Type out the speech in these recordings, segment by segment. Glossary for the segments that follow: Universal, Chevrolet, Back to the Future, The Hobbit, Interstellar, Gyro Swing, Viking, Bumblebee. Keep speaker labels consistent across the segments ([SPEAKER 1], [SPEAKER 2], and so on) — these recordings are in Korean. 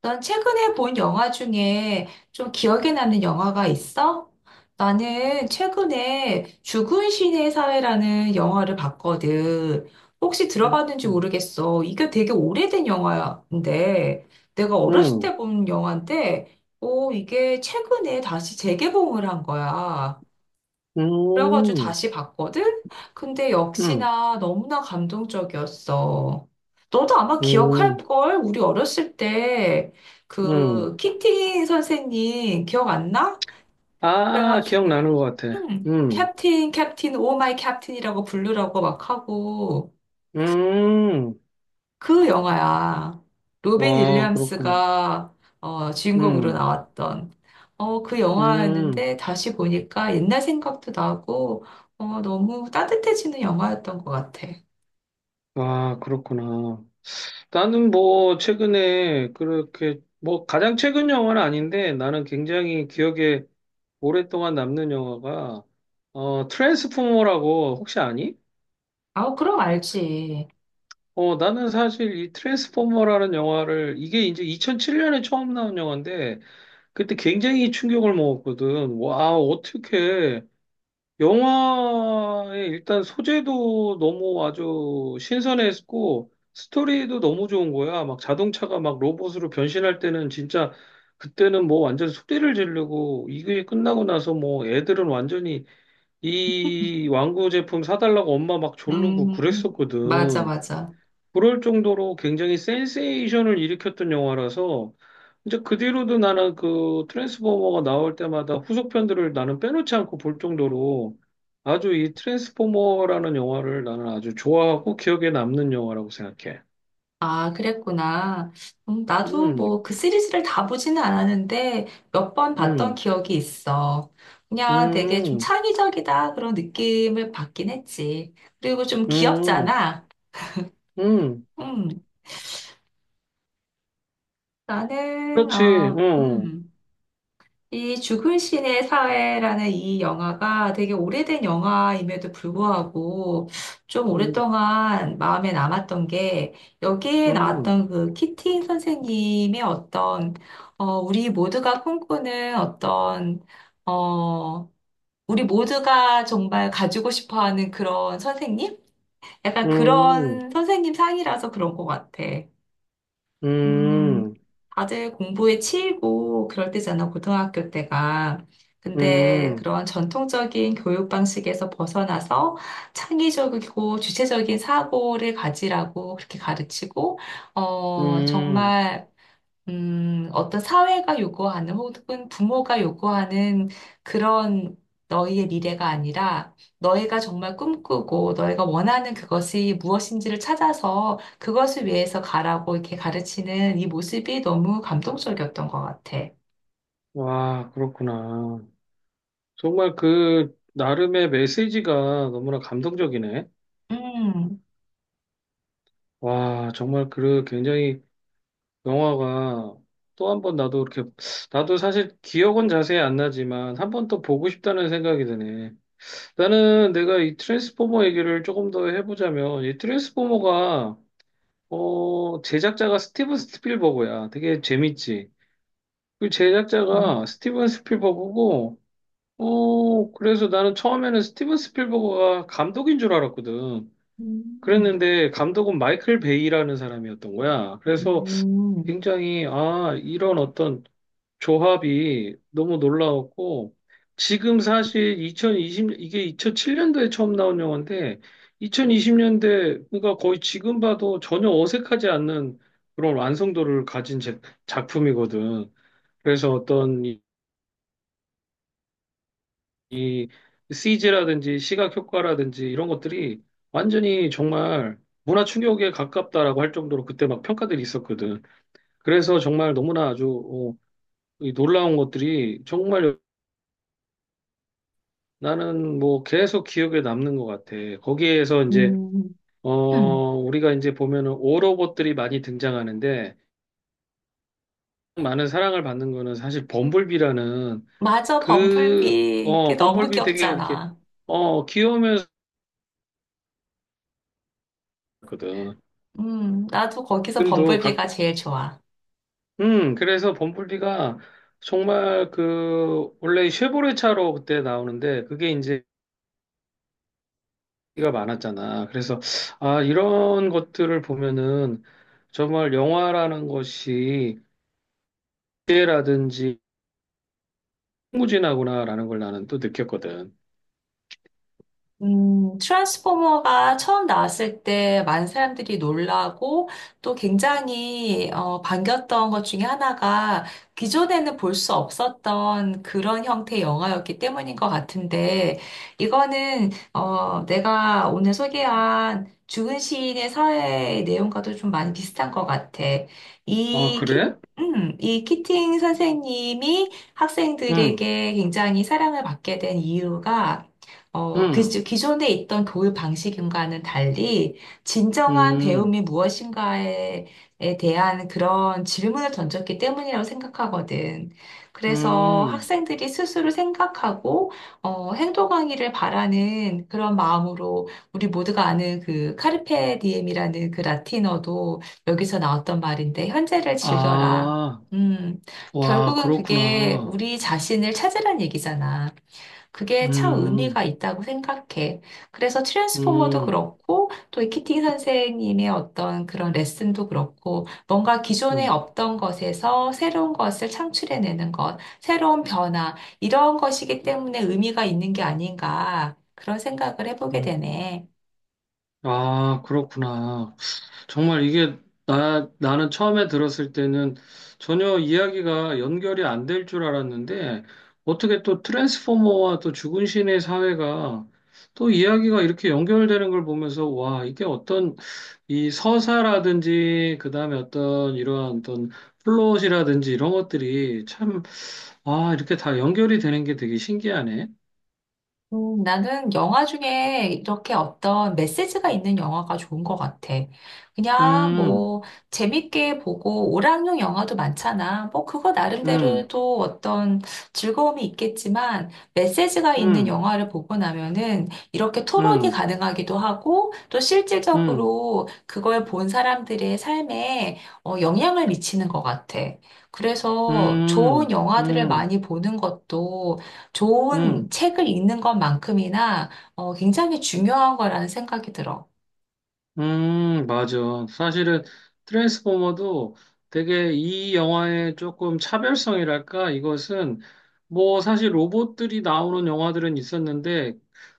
[SPEAKER 1] 넌 최근에 본 영화 중에 좀 기억에 남는 영화가 있어? 나는 최근에 죽은 신의 사회라는 영화를 봤거든. 혹시
[SPEAKER 2] 음.
[SPEAKER 1] 들어봤는지
[SPEAKER 2] 음.
[SPEAKER 1] 모르겠어. 이게 되게 오래된 영화인데, 내가 어렸을 때 본 영화인데, 오, 이게 최근에 다시 재개봉을 한 거야. 그래가지고
[SPEAKER 2] 음.
[SPEAKER 1] 다시 봤거든? 근데
[SPEAKER 2] 음.
[SPEAKER 1] 역시나 너무나 감동적이었어. 너도 아마
[SPEAKER 2] 음. 음.
[SPEAKER 1] 기억할걸? 우리 어렸을 때
[SPEAKER 2] 음.
[SPEAKER 1] 그 키팅 선생님 기억 안 나?
[SPEAKER 2] 아, 기억나는
[SPEAKER 1] 그래가지고
[SPEAKER 2] 것 같아. 음.
[SPEAKER 1] 캡틴 캡틴 오 마이 캡틴이라고 부르라고 막 하고
[SPEAKER 2] 음.
[SPEAKER 1] 그 영화야. 로빈
[SPEAKER 2] 와, 그렇구나.
[SPEAKER 1] 윌리엄스가 주인공으로
[SPEAKER 2] 음.
[SPEAKER 1] 나왔던 그
[SPEAKER 2] 음.
[SPEAKER 1] 영화였는데 다시 보니까 옛날 생각도 나고 너무 따뜻해지는 영화였던 것 같아.
[SPEAKER 2] 와, 그렇구나. 나는 뭐, 최근에 그렇게, 뭐, 가장 최근 영화는 아닌데, 나는 굉장히 기억에 오랫동안 남는 영화가, 트랜스포머라고, 혹시 아니?
[SPEAKER 1] 아, 그럼 알지.
[SPEAKER 2] 나는 사실 이 트랜스포머라는 영화를, 이게 이제 2007년에 처음 나온 영화인데, 그때 굉장히 충격을 먹었거든. 와, 어떻게. 영화의 일단 소재도 너무 아주 신선했고, 스토리도 너무 좋은 거야. 막 자동차가 막 로봇으로 변신할 때는 진짜, 그때는 뭐 완전 소리를 지르고, 이게 끝나고 나서 뭐 애들은 완전히 이 완구 제품 사달라고 엄마 막 졸르고
[SPEAKER 1] 음, 맞아,
[SPEAKER 2] 그랬었거든.
[SPEAKER 1] 맞아.
[SPEAKER 2] 그럴 정도로 굉장히 센세이션을 일으켰던 영화라서 이제 그 뒤로도 나는 그 트랜스포머가 나올 때마다 후속편들을 나는 빼놓지 않고 볼 정도로 아주 이 트랜스포머라는 영화를 나는 아주 좋아하고 기억에 남는 영화라고 생각해.
[SPEAKER 1] 아, 그랬구나. 나도
[SPEAKER 2] 음.
[SPEAKER 1] 뭐 그 시리즈를 다 보지는 않았는데 몇 번 봤던
[SPEAKER 2] 음.
[SPEAKER 1] 기억이 있어. 그냥 되게 좀
[SPEAKER 2] 음.
[SPEAKER 1] 창의적이다 그런 느낌을 받긴 했지. 그리고 좀
[SPEAKER 2] 음.
[SPEAKER 1] 귀엽잖아.
[SPEAKER 2] 음.
[SPEAKER 1] 음, 나는,
[SPEAKER 2] 그렇지.
[SPEAKER 1] 어,
[SPEAKER 2] 음.
[SPEAKER 1] 음, 이 죽은 신의 사회라는 이 영화가 되게 오래된 영화임에도 불구하고 좀
[SPEAKER 2] 음.
[SPEAKER 1] 오랫동안 마음에 남았던 게 여기에
[SPEAKER 2] 음.
[SPEAKER 1] 나왔던 그 키팅 선생님의 어떤 우리 모두가 꿈꾸는 어떤, 어, 우리 모두가 정말 가지고 싶어 하는 그런 선생님? 약간
[SPEAKER 2] 음.
[SPEAKER 1] 그런 선생님 상이라서 그런 것 같아. 음,
[SPEAKER 2] 음.
[SPEAKER 1] 다들 공부에 치이고 그럴 때잖아, 고등학교 때가. 근데
[SPEAKER 2] 음.
[SPEAKER 1] 그런 전통적인 교육 방식에서 벗어나서 창의적이고 주체적인 사고를 가지라고 그렇게 가르치고, 어,
[SPEAKER 2] 음.
[SPEAKER 1] 정말 어떤 사회가 요구하는 혹은 부모가 요구하는 그런 너희의 미래가 아니라 너희가 정말 꿈꾸고 너희가 원하는 그것이 무엇인지를 찾아서 그것을 위해서 가라고 이렇게 가르치는 이 모습이 너무 감동적이었던 것 같아.
[SPEAKER 2] 와, 그렇구나. 정말 그 나름의 메시지가 너무나 감동적이네.
[SPEAKER 1] 음,
[SPEAKER 2] 와, 정말 그 굉장히 영화가 또 한 번 나도 이렇게 나도 사실 기억은 자세히 안 나지만 한 번 더 보고 싶다는 생각이 드네. 나는 내가 이 트랜스포머 얘기를 조금 더 해보자면 이 트랜스포머가 제작자가 스티븐 스필버그야. 되게 재밌지. 그
[SPEAKER 1] 음.
[SPEAKER 2] 제작자가 스티븐 스필버그고 그래서 나는 처음에는 스티븐 스필버그가 감독인 줄 알았거든.
[SPEAKER 1] 음,
[SPEAKER 2] 그랬는데 감독은 마이클 베이라는 사람이었던 거야. 그래서
[SPEAKER 1] 음,
[SPEAKER 2] 굉장히 아, 이런 어떤 조합이 너무 놀라웠고 지금 사실 2020 이게 2007년도에 처음 나온 영화인데 2020년대 그러니까 거의 지금 봐도 전혀 어색하지 않는 그런 완성도를 가진 작품이거든. 그래서 어떤 이 CG라든지 시각 효과라든지 이런 것들이 완전히 정말 문화 충격에 가깝다라고 할 정도로 그때 막 평가들이 있었거든. 그래서 정말 너무나 아주 이 놀라운 것들이 정말 나는 뭐 계속 기억에 남는 것 같아. 거기에서 이제
[SPEAKER 1] 음.
[SPEAKER 2] 어
[SPEAKER 1] 음.
[SPEAKER 2] 우리가 이제 보면은 오로봇들이 많이 등장하는데 많은 사랑을 받는 거는 사실 범블비라는
[SPEAKER 1] 맞아,
[SPEAKER 2] 그
[SPEAKER 1] 범블비. 그게 너무
[SPEAKER 2] 범블비 되게 이렇게
[SPEAKER 1] 귀엽잖아.
[SPEAKER 2] 귀여우면서 거든.
[SPEAKER 1] 나도 거기서
[SPEAKER 2] 지금도
[SPEAKER 1] 범블비가
[SPEAKER 2] 가끔
[SPEAKER 1] 제일 좋아.
[SPEAKER 2] 그래서 범블비가 정말 그, 원래 쉐보레 차로 그때 나오는데, 그게 이제 인기가 많았잖아. 그래서, 아, 이런 것들을 보면은 정말 영화라는 것이 기회라든지 무진하구나라는 걸 나는 또 느꼈거든.
[SPEAKER 1] 트랜스포머가 처음 나왔을 때 많은 사람들이 놀라고 또 굉장히 반겼던 것 중에 하나가 기존에는 볼 수 없었던 그런 형태의 영화였기 때문인 것 같은데 이거는 내가 오늘 소개한 죽은 시인의 사회 내용과도 좀 많이 비슷한 것 같아.
[SPEAKER 2] 아,
[SPEAKER 1] 이 키,
[SPEAKER 2] 그래?
[SPEAKER 1] 이 키팅 선생님이
[SPEAKER 2] 응.
[SPEAKER 1] 학생들에게 굉장히 사랑을 받게 된 이유가
[SPEAKER 2] 응.
[SPEAKER 1] 기존에 있던 교육 방식과는 달리 진정한
[SPEAKER 2] 응.
[SPEAKER 1] 배움이 무엇인가에 에 대한 그런 질문을 던졌기 때문이라고 생각하거든. 그래서
[SPEAKER 2] 응.
[SPEAKER 1] 학생들이 스스로 생각하고 행동하기를 바라는 그런 마음으로 우리 모두가 아는 그 카르페 디엠이라는 그 라틴어도 여기서 나왔던 말인데 현재를 즐겨라.
[SPEAKER 2] 아,
[SPEAKER 1] 음,
[SPEAKER 2] 와,
[SPEAKER 1] 결국은 그게
[SPEAKER 2] 그렇구나.
[SPEAKER 1] 우리 자신을 찾으란 얘기잖아. 그게 참 의미가
[SPEAKER 2] 음.
[SPEAKER 1] 있다고 생각해. 그래서 트랜스포머도
[SPEAKER 2] 음.
[SPEAKER 1] 그렇고, 또 이 키팅 선생님의 어떤 그런 레슨도 그렇고, 뭔가 기존에
[SPEAKER 2] 음.
[SPEAKER 1] 없던 것에서 새로운 것을 창출해내는 것, 새로운 변화, 이런 것이기 때문에 의미가 있는 게 아닌가, 그런 생각을 해보게
[SPEAKER 2] 음.
[SPEAKER 1] 되네.
[SPEAKER 2] 아, 그렇구나. 정말 이게 나는 처음에 들었을 때는 전혀 이야기가 연결이 안 될 줄 알았는데 어떻게 또 트랜스포머와 또 죽은 신의 사회가 또 이야기가 이렇게 연결되는 걸 보면서 와, 이게 어떤 이 서사라든지 그다음에 어떤 이러한 어떤 플롯이라든지 이런 것들이 참, 아, 이렇게 다 연결이 되는 게 되게 신기하네.
[SPEAKER 1] 나는 영화 중에 이렇게 어떤 메시지가 있는 영화가 좋은 것 같아. 그냥
[SPEAKER 2] 음.
[SPEAKER 1] 뭐 재밌게 보고 오락용 영화도 많잖아. 뭐 그거 나름대로
[SPEAKER 2] 음.
[SPEAKER 1] 또 어떤 즐거움이 있겠지만 메시지가 있는
[SPEAKER 2] 음.
[SPEAKER 1] 영화를 보고 나면은 이렇게 토론이
[SPEAKER 2] 음.
[SPEAKER 1] 가능하기도 하고 또
[SPEAKER 2] 음.
[SPEAKER 1] 실질적으로 그걸 본 사람들의 삶에 영향을 미치는 것 같아. 그래서 좋은
[SPEAKER 2] 음.
[SPEAKER 1] 영화들을
[SPEAKER 2] 음.
[SPEAKER 1] 많이 보는 것도 좋은
[SPEAKER 2] 음.
[SPEAKER 1] 책을 읽는 것만큼이나 굉장히 중요한 거라는 생각이 들어.
[SPEAKER 2] 맞아. 사실은 트랜스포머도 되게 이 영화의 조금 차별성이랄까? 이것은 뭐 사실 로봇들이 나오는 영화들은 있었는데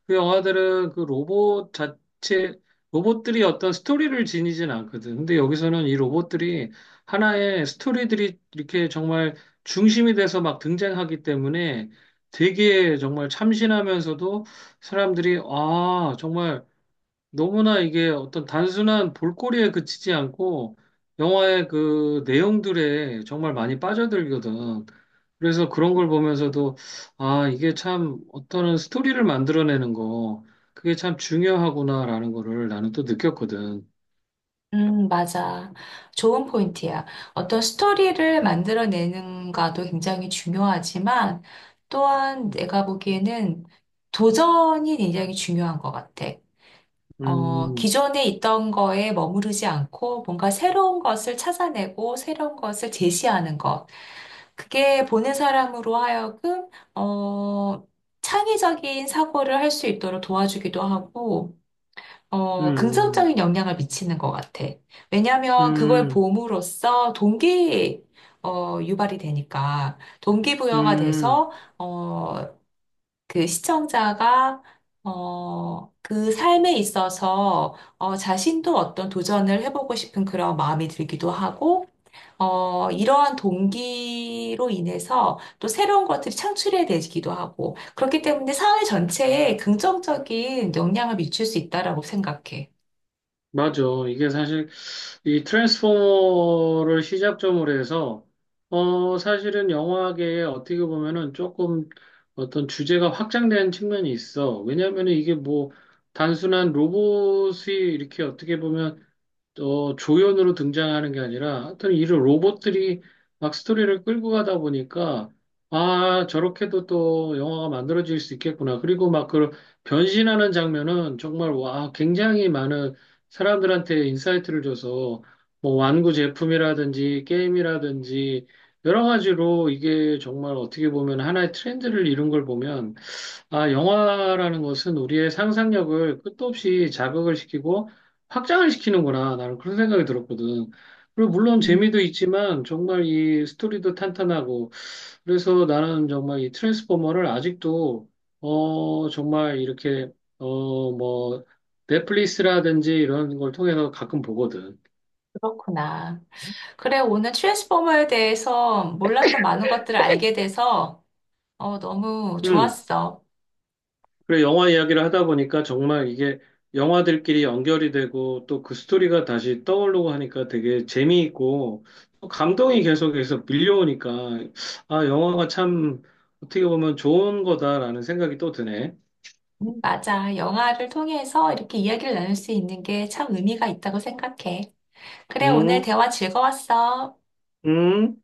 [SPEAKER 2] 그 영화들은 그 로봇 자체, 로봇들이 어떤 스토리를 지니진 않거든. 근데 여기서는 이 로봇들이 하나의 스토리들이 이렇게 정말 중심이 돼서 막 등장하기 때문에 되게 정말 참신하면서도 사람들이 아, 정말 너무나 이게 어떤 단순한 볼거리에 그치지 않고 영화의 그 내용들에 정말 많이 빠져들거든. 그래서 그런 걸 보면서도 아, 이게 참 어떤 스토리를 만들어내는 거 그게 참 중요하구나라는 거를 나는 또 느꼈거든.
[SPEAKER 1] 맞아. 좋은 포인트야. 어떤 스토리를 만들어내는가도 굉장히 중요하지만 또한
[SPEAKER 2] 음.
[SPEAKER 1] 내가 보기에는 도전이 굉장히 중요한 것 같아.
[SPEAKER 2] 음.
[SPEAKER 1] 기존에 있던 거에 머무르지 않고 뭔가 새로운 것을 찾아내고 새로운 것을 제시하는 것. 그게 보는 사람으로 하여금, 어, 창의적인 사고를 할 수 있도록 도와주기도 하고,
[SPEAKER 2] 음.
[SPEAKER 1] 긍정적인 영향을 미치는 것 같아. 왜냐하면 그걸
[SPEAKER 2] 음.
[SPEAKER 1] 봄으로써 동기, 어, 유발이 되니까, 동기부여가
[SPEAKER 2] 음.
[SPEAKER 1] 돼서, 어, 그 시청자가, 그 삶에 있어서, 자신도 어떤 도전을 해보고 싶은 그런 마음이 들기도 하고, 이러한 동기로 인해서 또 새로운 것들이 창출해야 되기도 하고, 그렇기 때문에 사회 전체에 긍정적인 영향을 미칠 수 있다라고 생각해.
[SPEAKER 2] 맞아. 이게 사실 이 트랜스포머를 시작점으로 해서 사실은 영화계에 어떻게 보면은 조금 어떤 주제가 확장된 측면이 있어. 왜냐하면 이게 뭐 단순한 로봇이 이렇게 어떻게 보면 또 조연으로 등장하는 게 아니라 하여튼 이런 로봇들이 막 스토리를 끌고 가다 보니까 아, 저렇게도 또 영화가 만들어질 수 있겠구나. 그리고 막 그 변신하는 장면은 정말 와, 굉장히 많은 사람들한테 인사이트를 줘서 뭐 완구 제품이라든지 게임이라든지 여러 가지로 이게 정말 어떻게 보면 하나의 트렌드를 이룬 걸 보면 아, 영화라는 것은 우리의 상상력을 끝도 없이 자극을 시키고 확장을 시키는구나. 나는 그런 생각이 들었거든. 그리고 물론
[SPEAKER 1] 음,
[SPEAKER 2] 재미도 있지만 정말 이 스토리도 탄탄하고 그래서 나는 정말 이 트랜스포머를 아직도 정말 이렇게 뭐 넷플릭스라든지 이런 걸 통해서 가끔 보거든.
[SPEAKER 1] 그렇구나. 그래, 오늘 트랜스포머에 대해서 몰랐던 많은 것들을 알게 돼서 너무
[SPEAKER 2] 음.
[SPEAKER 1] 좋았어.
[SPEAKER 2] 그래, 영화 이야기를 하다 보니까 정말 이게 영화들끼리 연결이 되고 또 그 스토리가 다시 떠오르고 하니까 되게 재미있고 또 감동이 계속해서 밀려오니까 아, 영화가 참 어떻게 보면 좋은 거다라는 생각이 또 드네.
[SPEAKER 1] 맞아. 영화를 통해서 이렇게 이야기를 나눌 수 있는 게 참 의미가 있다고 생각해. 그래, 오늘
[SPEAKER 2] 음.
[SPEAKER 1] 대화 즐거웠어.
[SPEAKER 2] 음.